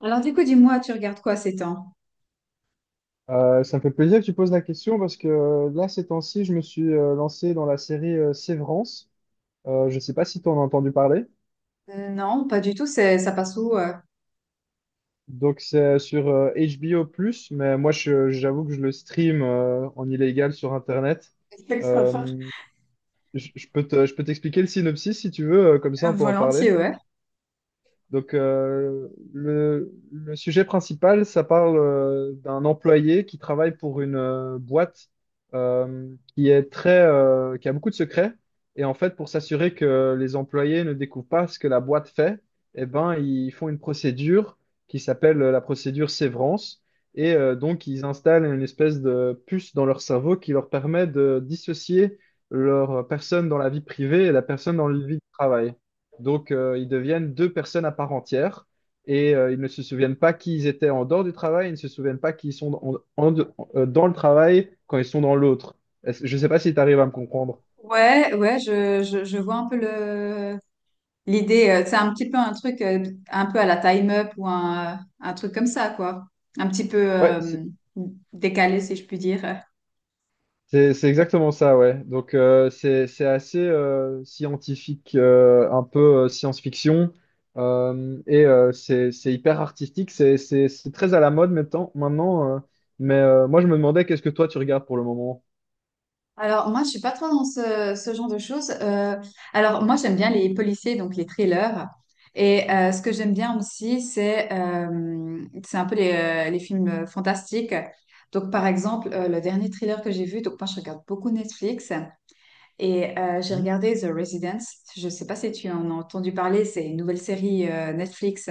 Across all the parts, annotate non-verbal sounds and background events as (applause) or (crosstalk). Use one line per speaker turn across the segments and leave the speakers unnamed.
Alors du coup, dis-moi, tu regardes quoi ces temps?
Ça me fait plaisir que tu poses la question parce que là, ces temps-ci, je me suis lancé dans la série Sévrance. Je ne sais pas si tu en as entendu parler.
Non, pas du tout, ça passe où?
Donc, c'est sur HBO+, mais moi, j'avoue que je le stream en illégal sur Internet.
(laughs)
Euh, je peux je peux t'expliquer le synopsis si tu veux, comme ça on peut en parler.
Volontiers, ouais.
Donc, le sujet principal, ça parle d'un employé qui travaille pour une boîte euh, qui est qui a beaucoup de secrets. Et en fait, pour s'assurer que les employés ne découvrent pas ce que la boîte fait, eh ben, ils font une procédure qui s'appelle la procédure sévrance. Et donc, ils installent une espèce de puce dans leur cerveau qui leur permet de dissocier leur personne dans la vie privée et la personne dans la vie de travail. Donc, ils deviennent deux personnes à part entière et ils ne se souviennent pas qui ils étaient en dehors du travail, ils ne se souviennent pas qui ils sont en de- dans le travail quand ils sont dans l'autre. Je ne sais pas si tu arrives à me comprendre.
Ouais, ouais, je vois un peu le l'idée. C'est un petit peu un truc un peu à la Time Up ou un truc comme ça, quoi. Un petit peu
Ouais,
décalé, si je puis dire.
c'est exactement ça, ouais. Donc, c'est assez scientifique, un peu science-fiction. Et c'est hyper artistique, c'est très à la mode maintenant. Moi, je me demandais qu'est-ce que toi tu regardes pour le moment?
Alors, moi, je suis pas trop dans ce genre de choses. Alors, moi, j'aime bien les policiers, donc les thrillers. Et ce que j'aime bien aussi, c'est un peu les films fantastiques. Donc, par exemple, le dernier thriller que j'ai vu, donc moi, je regarde beaucoup Netflix et j'ai regardé The Residence. Je sais pas si tu en as entendu parler, c'est une nouvelle série Netflix.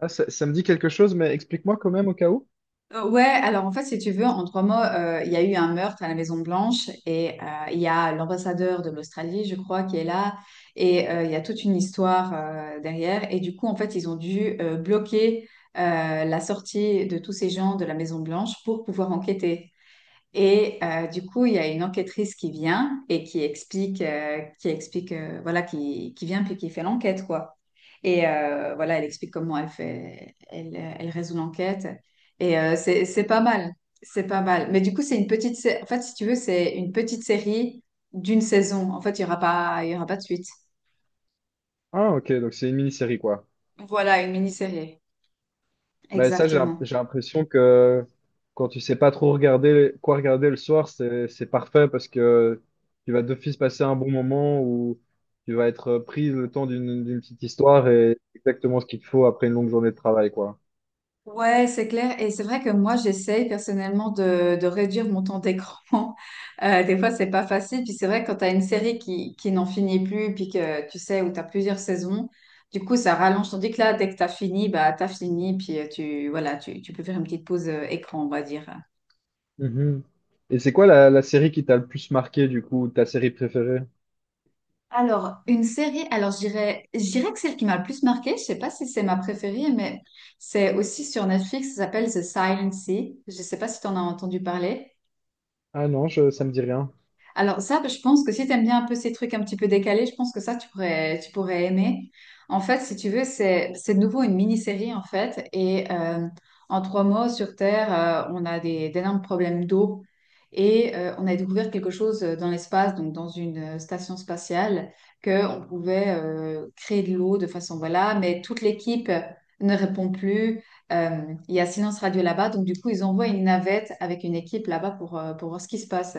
Ah, ça me dit quelque chose, mais explique-moi quand même au cas où.
Ouais, alors en fait, si tu veux, en trois mots, il y a eu un meurtre à la Maison Blanche et il y a l'ambassadeur de l'Australie, je crois, qui est là et il y a toute une histoire derrière. Et du coup, en fait, ils ont dû bloquer la sortie de tous ces gens de la Maison Blanche pour pouvoir enquêter. Et du coup, il y a une enquêtrice qui vient et qui explique, voilà, qui vient puis qui fait l'enquête, quoi. Et voilà, elle explique comment elle fait, elle résout l'enquête. Et c'est, c'est pas mal. Mais du coup, c'est une petite, sé- en fait, si tu veux, c'est une petite série d'une saison. En fait, il y aura pas de suite.
Ah, ok, donc c'est une mini-série, quoi.
Voilà, une mini-série.
Mais ça, j'ai
Exactement.
j'ai l'impression que quand tu sais pas trop regarder quoi regarder le soir, c'est parfait parce que tu vas d'office passer un bon moment où tu vas être pris le temps d'une petite histoire et exactement ce qu'il te faut après une longue journée de travail, quoi.
Ouais, c'est clair. Et c'est vrai que moi, j'essaye personnellement de réduire mon temps d'écran. (laughs) Des fois, c'est pas facile. Puis c'est vrai que quand tu as une série qui n'en finit plus, puis que tu sais, où tu as plusieurs saisons, du coup, ça rallonge. Tandis que là, dès que tu as fini, bah, tu as fini. Puis voilà, tu peux faire une petite pause écran, on va dire.
Mhm. Et c'est quoi la série qui t'a le plus marqué, du coup, ta série préférée?
Alors, une série, je dirais que celle qui m'a le plus marquée, je sais pas si c'est ma préférée, mais c'est aussi sur Netflix, ça s'appelle The Silent Sea. Je sais pas si tu en as entendu parler.
Ah non, ça me dit rien.
Alors ça, je pense que si tu aimes bien un peu ces trucs un petit peu décalés, je pense que ça, tu pourrais aimer. En fait, si tu veux, c'est de nouveau une mini-série, en fait. Et en trois mois sur Terre, on a des, d'énormes problèmes d'eau. Et on a découvert quelque chose dans l'espace, donc dans une station spatiale, qu'on pouvait créer de l'eau de façon, voilà, mais toute l'équipe ne répond plus. Euh, il y a silence radio là-bas, donc du coup, ils envoient une navette avec une équipe là-bas pour voir ce qui se passe.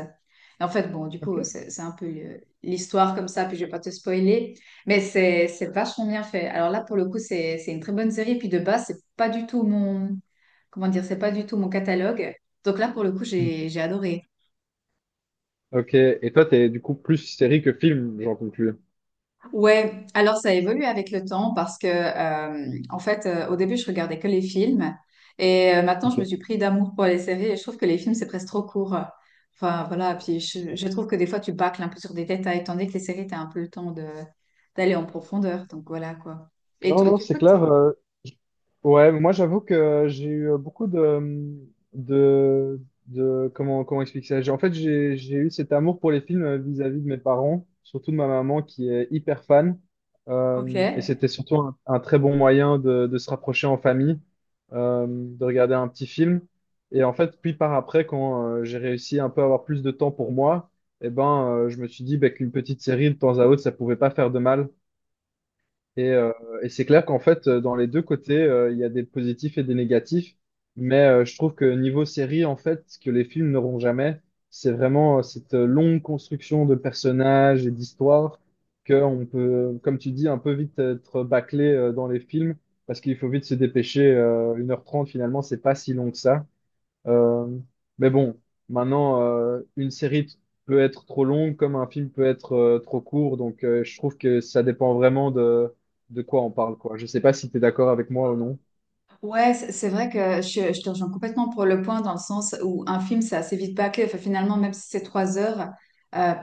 Et en fait, bon, du
Ok.
coup, c'est un peu l'histoire comme ça, puis je vais pas te spoiler, mais c'est vachement bien fait. Alors là, pour le coup, c'est une très bonne série, puis de base, c'est pas du tout mon catalogue. Donc là, pour le coup,
Mm.
j'ai adoré.
Ok, et toi, t'es du coup plus série que film, j'en conclus.
Ouais, alors ça évolue avec le temps parce que, au début, je regardais que les films et maintenant, je
Ok.
me suis pris d'amour pour les séries et je trouve que les films, c'est presque trop court. Enfin, voilà, puis je trouve que des fois, tu bâcles un peu sur des détails, tandis que les séries, tu as un peu le temps de d'aller en profondeur. Donc voilà quoi. Et
Non,
toi,
non,
du
c'est
coup,
clair.
t'es-
Ouais, moi j'avoue que j'ai eu euh, beaucoup de, de, de comment, comment expliquer ça? En fait, j'ai eu cet amour pour les films vis-à-vis de mes parents, surtout de ma maman qui est hyper fan.
ok.
Et c'était surtout un très bon moyen de se rapprocher en famille, de regarder un petit film. Et en fait, puis par après, quand j'ai réussi un peu à avoir plus de temps pour moi, eh ben, je me suis dit bah, qu'une petite série de temps à autre, ça pouvait pas faire de mal. Et, euh, et c'est clair qu'en fait, dans les deux côtés, il y a des positifs et des négatifs. Mais je trouve que niveau série, en fait, ce que les films n'auront jamais, c'est vraiment cette longue construction de personnages et d'histoires qu'on peut, comme tu dis, un peu vite être bâclé dans les films parce qu'il faut vite se dépêcher. 1h30, finalement, c'est pas si long que ça. Euh, mais bon, maintenant, une série peut être trop longue comme un film peut être trop court. Donc, je trouve que ça dépend vraiment de quoi on parle, quoi. Je sais pas si tu es d'accord avec moi ou non.
Ouais, c'est je te rejoins complètement pour le point dans le sens où un film, c'est assez vite bâclé. Enfin, finalement, même si c'est trois heures, euh,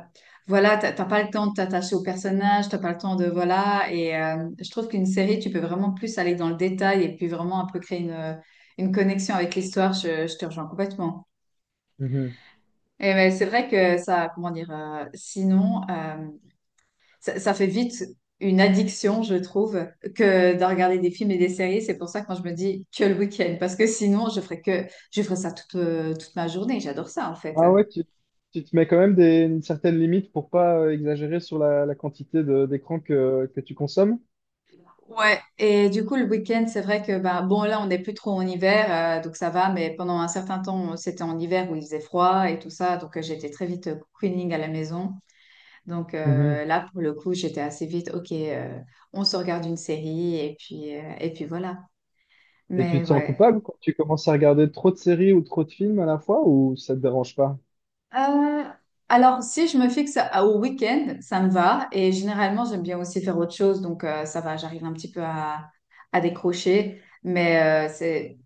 voilà, t'as pas le temps de t'attacher au personnage, t'as pas le temps de, voilà. Et je trouve qu'une série, tu peux vraiment plus aller dans le détail et puis vraiment un peu créer une connexion avec l'histoire. Je te rejoins complètement.
Mhm.
Et mais c'est vrai que ça, ça fait vite une addiction, je trouve, que de regarder des films et des séries. C'est pour ça que quand je me dis que le week-end, parce que sinon, je ferais ça toute, toute ma journée. J'adore ça, en fait.
Ah ouais, tu te mets quand même des, une certaine limite pour pas exagérer sur la quantité d'écran que tu consommes.
Ouais. Et du coup, le week-end, c'est vrai que, bah, bon, là, on n'est plus trop en hiver, donc ça va, mais pendant un certain temps, c'était en hiver où il faisait froid et tout ça, donc j'étais très vite cocooning à la maison. Donc
Mhm.
là, pour le coup, j'étais assez vite, ok, on se regarde une série et puis voilà.
Et tu
Mais
te sens
ouais.
coupable quand tu commences à regarder trop de séries ou trop de films à la fois ou ça te dérange pas?
Euh, alors, si je me fixe au week-end, ça me va. Et généralement, j'aime bien aussi faire autre chose. Donc, ça va, j'arrive un petit peu à décrocher. Mais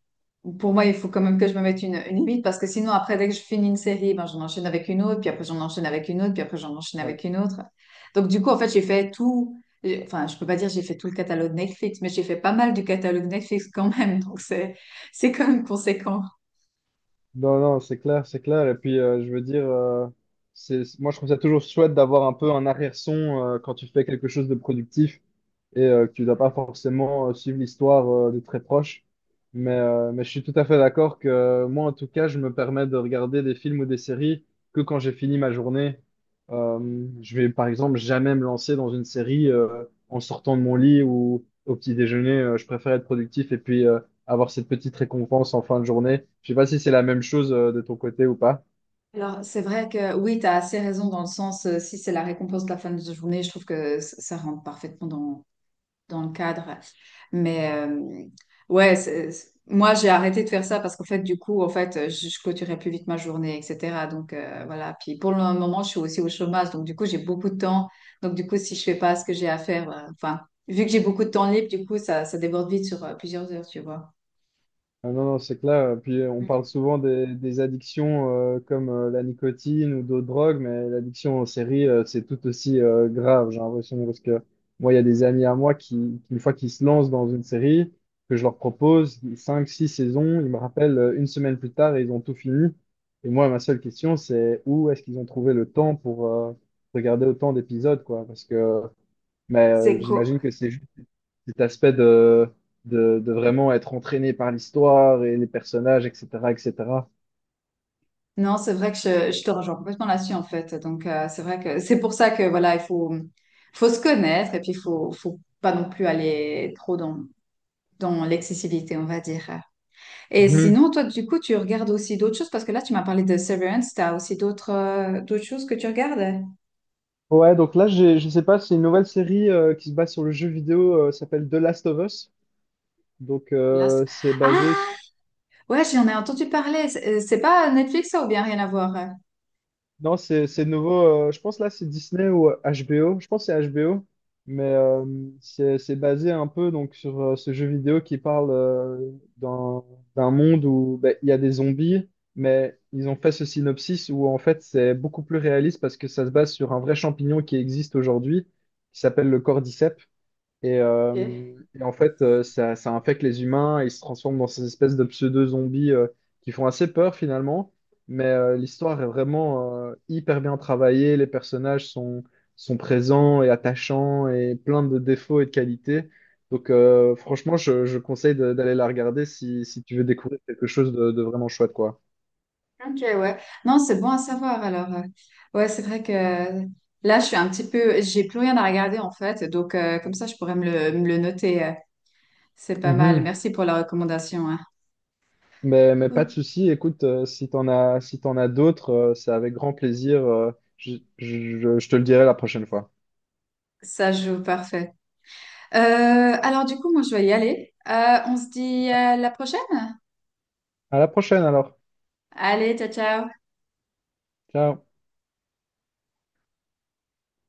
pour moi, il faut quand même que je me mette une limite parce que sinon, après, dès que je finis une série, ben, j'en enchaîne avec une autre, puis après, j'en enchaîne avec une autre, puis après, j'en enchaîne
Ouais.
avec une autre. Donc, du coup, en fait, j'ai fait tout. J'ai- Enfin, je peux pas dire j'ai fait tout le catalogue Netflix, mais j'ai fait pas mal du catalogue Netflix quand même. Donc, c'est quand même conséquent.
Non, non, c'est clair, c'est clair. Et puis, je veux dire, moi, je trouve ça toujours chouette d'avoir un peu un arrière-son quand tu fais quelque chose de productif et que tu dois pas forcément suivre l'histoire de très proche. Mais, mais je suis tout à fait d'accord que moi, en tout cas, je me permets de regarder des films ou des séries que quand j'ai fini ma journée. Je vais, par exemple, jamais me lancer dans une série en sortant de mon lit ou au petit déjeuner. Je préfère être productif et puis avoir cette petite récompense en fin de journée. Je sais pas si c'est la même chose de ton côté ou pas.
Alors, c'est vrai que oui, tu as assez raison dans le sens, si c'est la récompense de la fin de journée, je trouve que ça rentre parfaitement dans le cadre. Mais euh, ouais, moi, j'ai arrêté de faire ça parce qu'en fait, je clôturais plus vite ma journée, etc. Donc, voilà. Puis pour le moment, je suis aussi au chômage. Donc, du coup, j'ai beaucoup de temps. Donc, du coup, si je fais pas ce que j'ai à faire, enfin, vu que j'ai beaucoup de temps libre, du coup, ça déborde vite sur plusieurs heures, tu vois.
Ah non, non, c'est clair. Puis on
Mm.
parle souvent des addictions comme la nicotine ou d'autres drogues, mais l'addiction aux séries, c'est tout aussi grave, j'ai l'impression, parce que moi, il y a des amis à moi qui, une fois qu'ils se lancent dans une série, que je leur propose 5 6 saisons, ils me rappellent une semaine plus tard et ils ont tout fini. Et moi, ma seule question, c'est où est-ce qu'ils ont trouvé le temps pour regarder autant d'épisodes, quoi, parce que
C'est
j'imagine
cool.
que c'est cet aspect de, de vraiment être entraîné par l'histoire et les personnages, etc., etc.
Non, c'est vrai que je te rejoins complètement là-dessus en fait. Donc c'est vrai que (laughs) c'est pour ça que voilà, il faut faut se connaître et puis il faut faut pas non plus aller trop dans dans l'excessivité, on va dire. Et
Mhm.
sinon, toi, du coup, tu regardes aussi d'autres choses parce que là, tu m'as parlé de Severance. T'as aussi d'autres d'autres choses que tu regardes?
Ouais, donc là, je sais pas, c'est une nouvelle série qui se base sur le jeu vidéo, s'appelle The Last of Us. Donc,
Là,
c'est
ah,
basé.
ouais, j'en ai entendu parler. C'est pas Netflix ça ou bien rien à voir?
Non, c'est nouveau. Je pense là, c'est Disney ou HBO. Je pense que c'est HBO. Mais c'est basé un peu donc, sur ce jeu vidéo qui parle d'un d'un monde où ben, il y a des zombies. Mais ils ont fait ce synopsis où en fait, c'est beaucoup plus réaliste parce que ça se base sur un vrai champignon qui existe aujourd'hui, qui s'appelle le cordyceps. Et,
Ok.
euh, et en fait, euh, ça, ça infecte les humains, et ils se transforment dans ces espèces de pseudo-zombies qui font assez peur finalement. Mais l'histoire est vraiment hyper bien travaillée, sont présents et attachants et plein de défauts et de qualités. Donc franchement, je conseille d'aller la regarder si tu veux découvrir quelque chose de vraiment chouette, quoi.
Ok, ouais. Non, c'est bon à savoir. Alors, ouais, c'est vrai que là, je suis un petit peu, j'ai plus rien à regarder en fait. Donc, comme ça, je pourrais me le noter. C'est pas mal.
Mhm.
Merci pour la recommandation, hein.
Mais pas de
Ouh,
souci, écoute, si t'en as, si t'en as d'autres, c'est avec grand plaisir. Je je je te le dirai la prochaine fois.
ça joue parfait. Alors, du coup, moi, je vais y aller. On se dit à la prochaine.
À la prochaine alors.
Allez, ciao, ciao.
Ciao.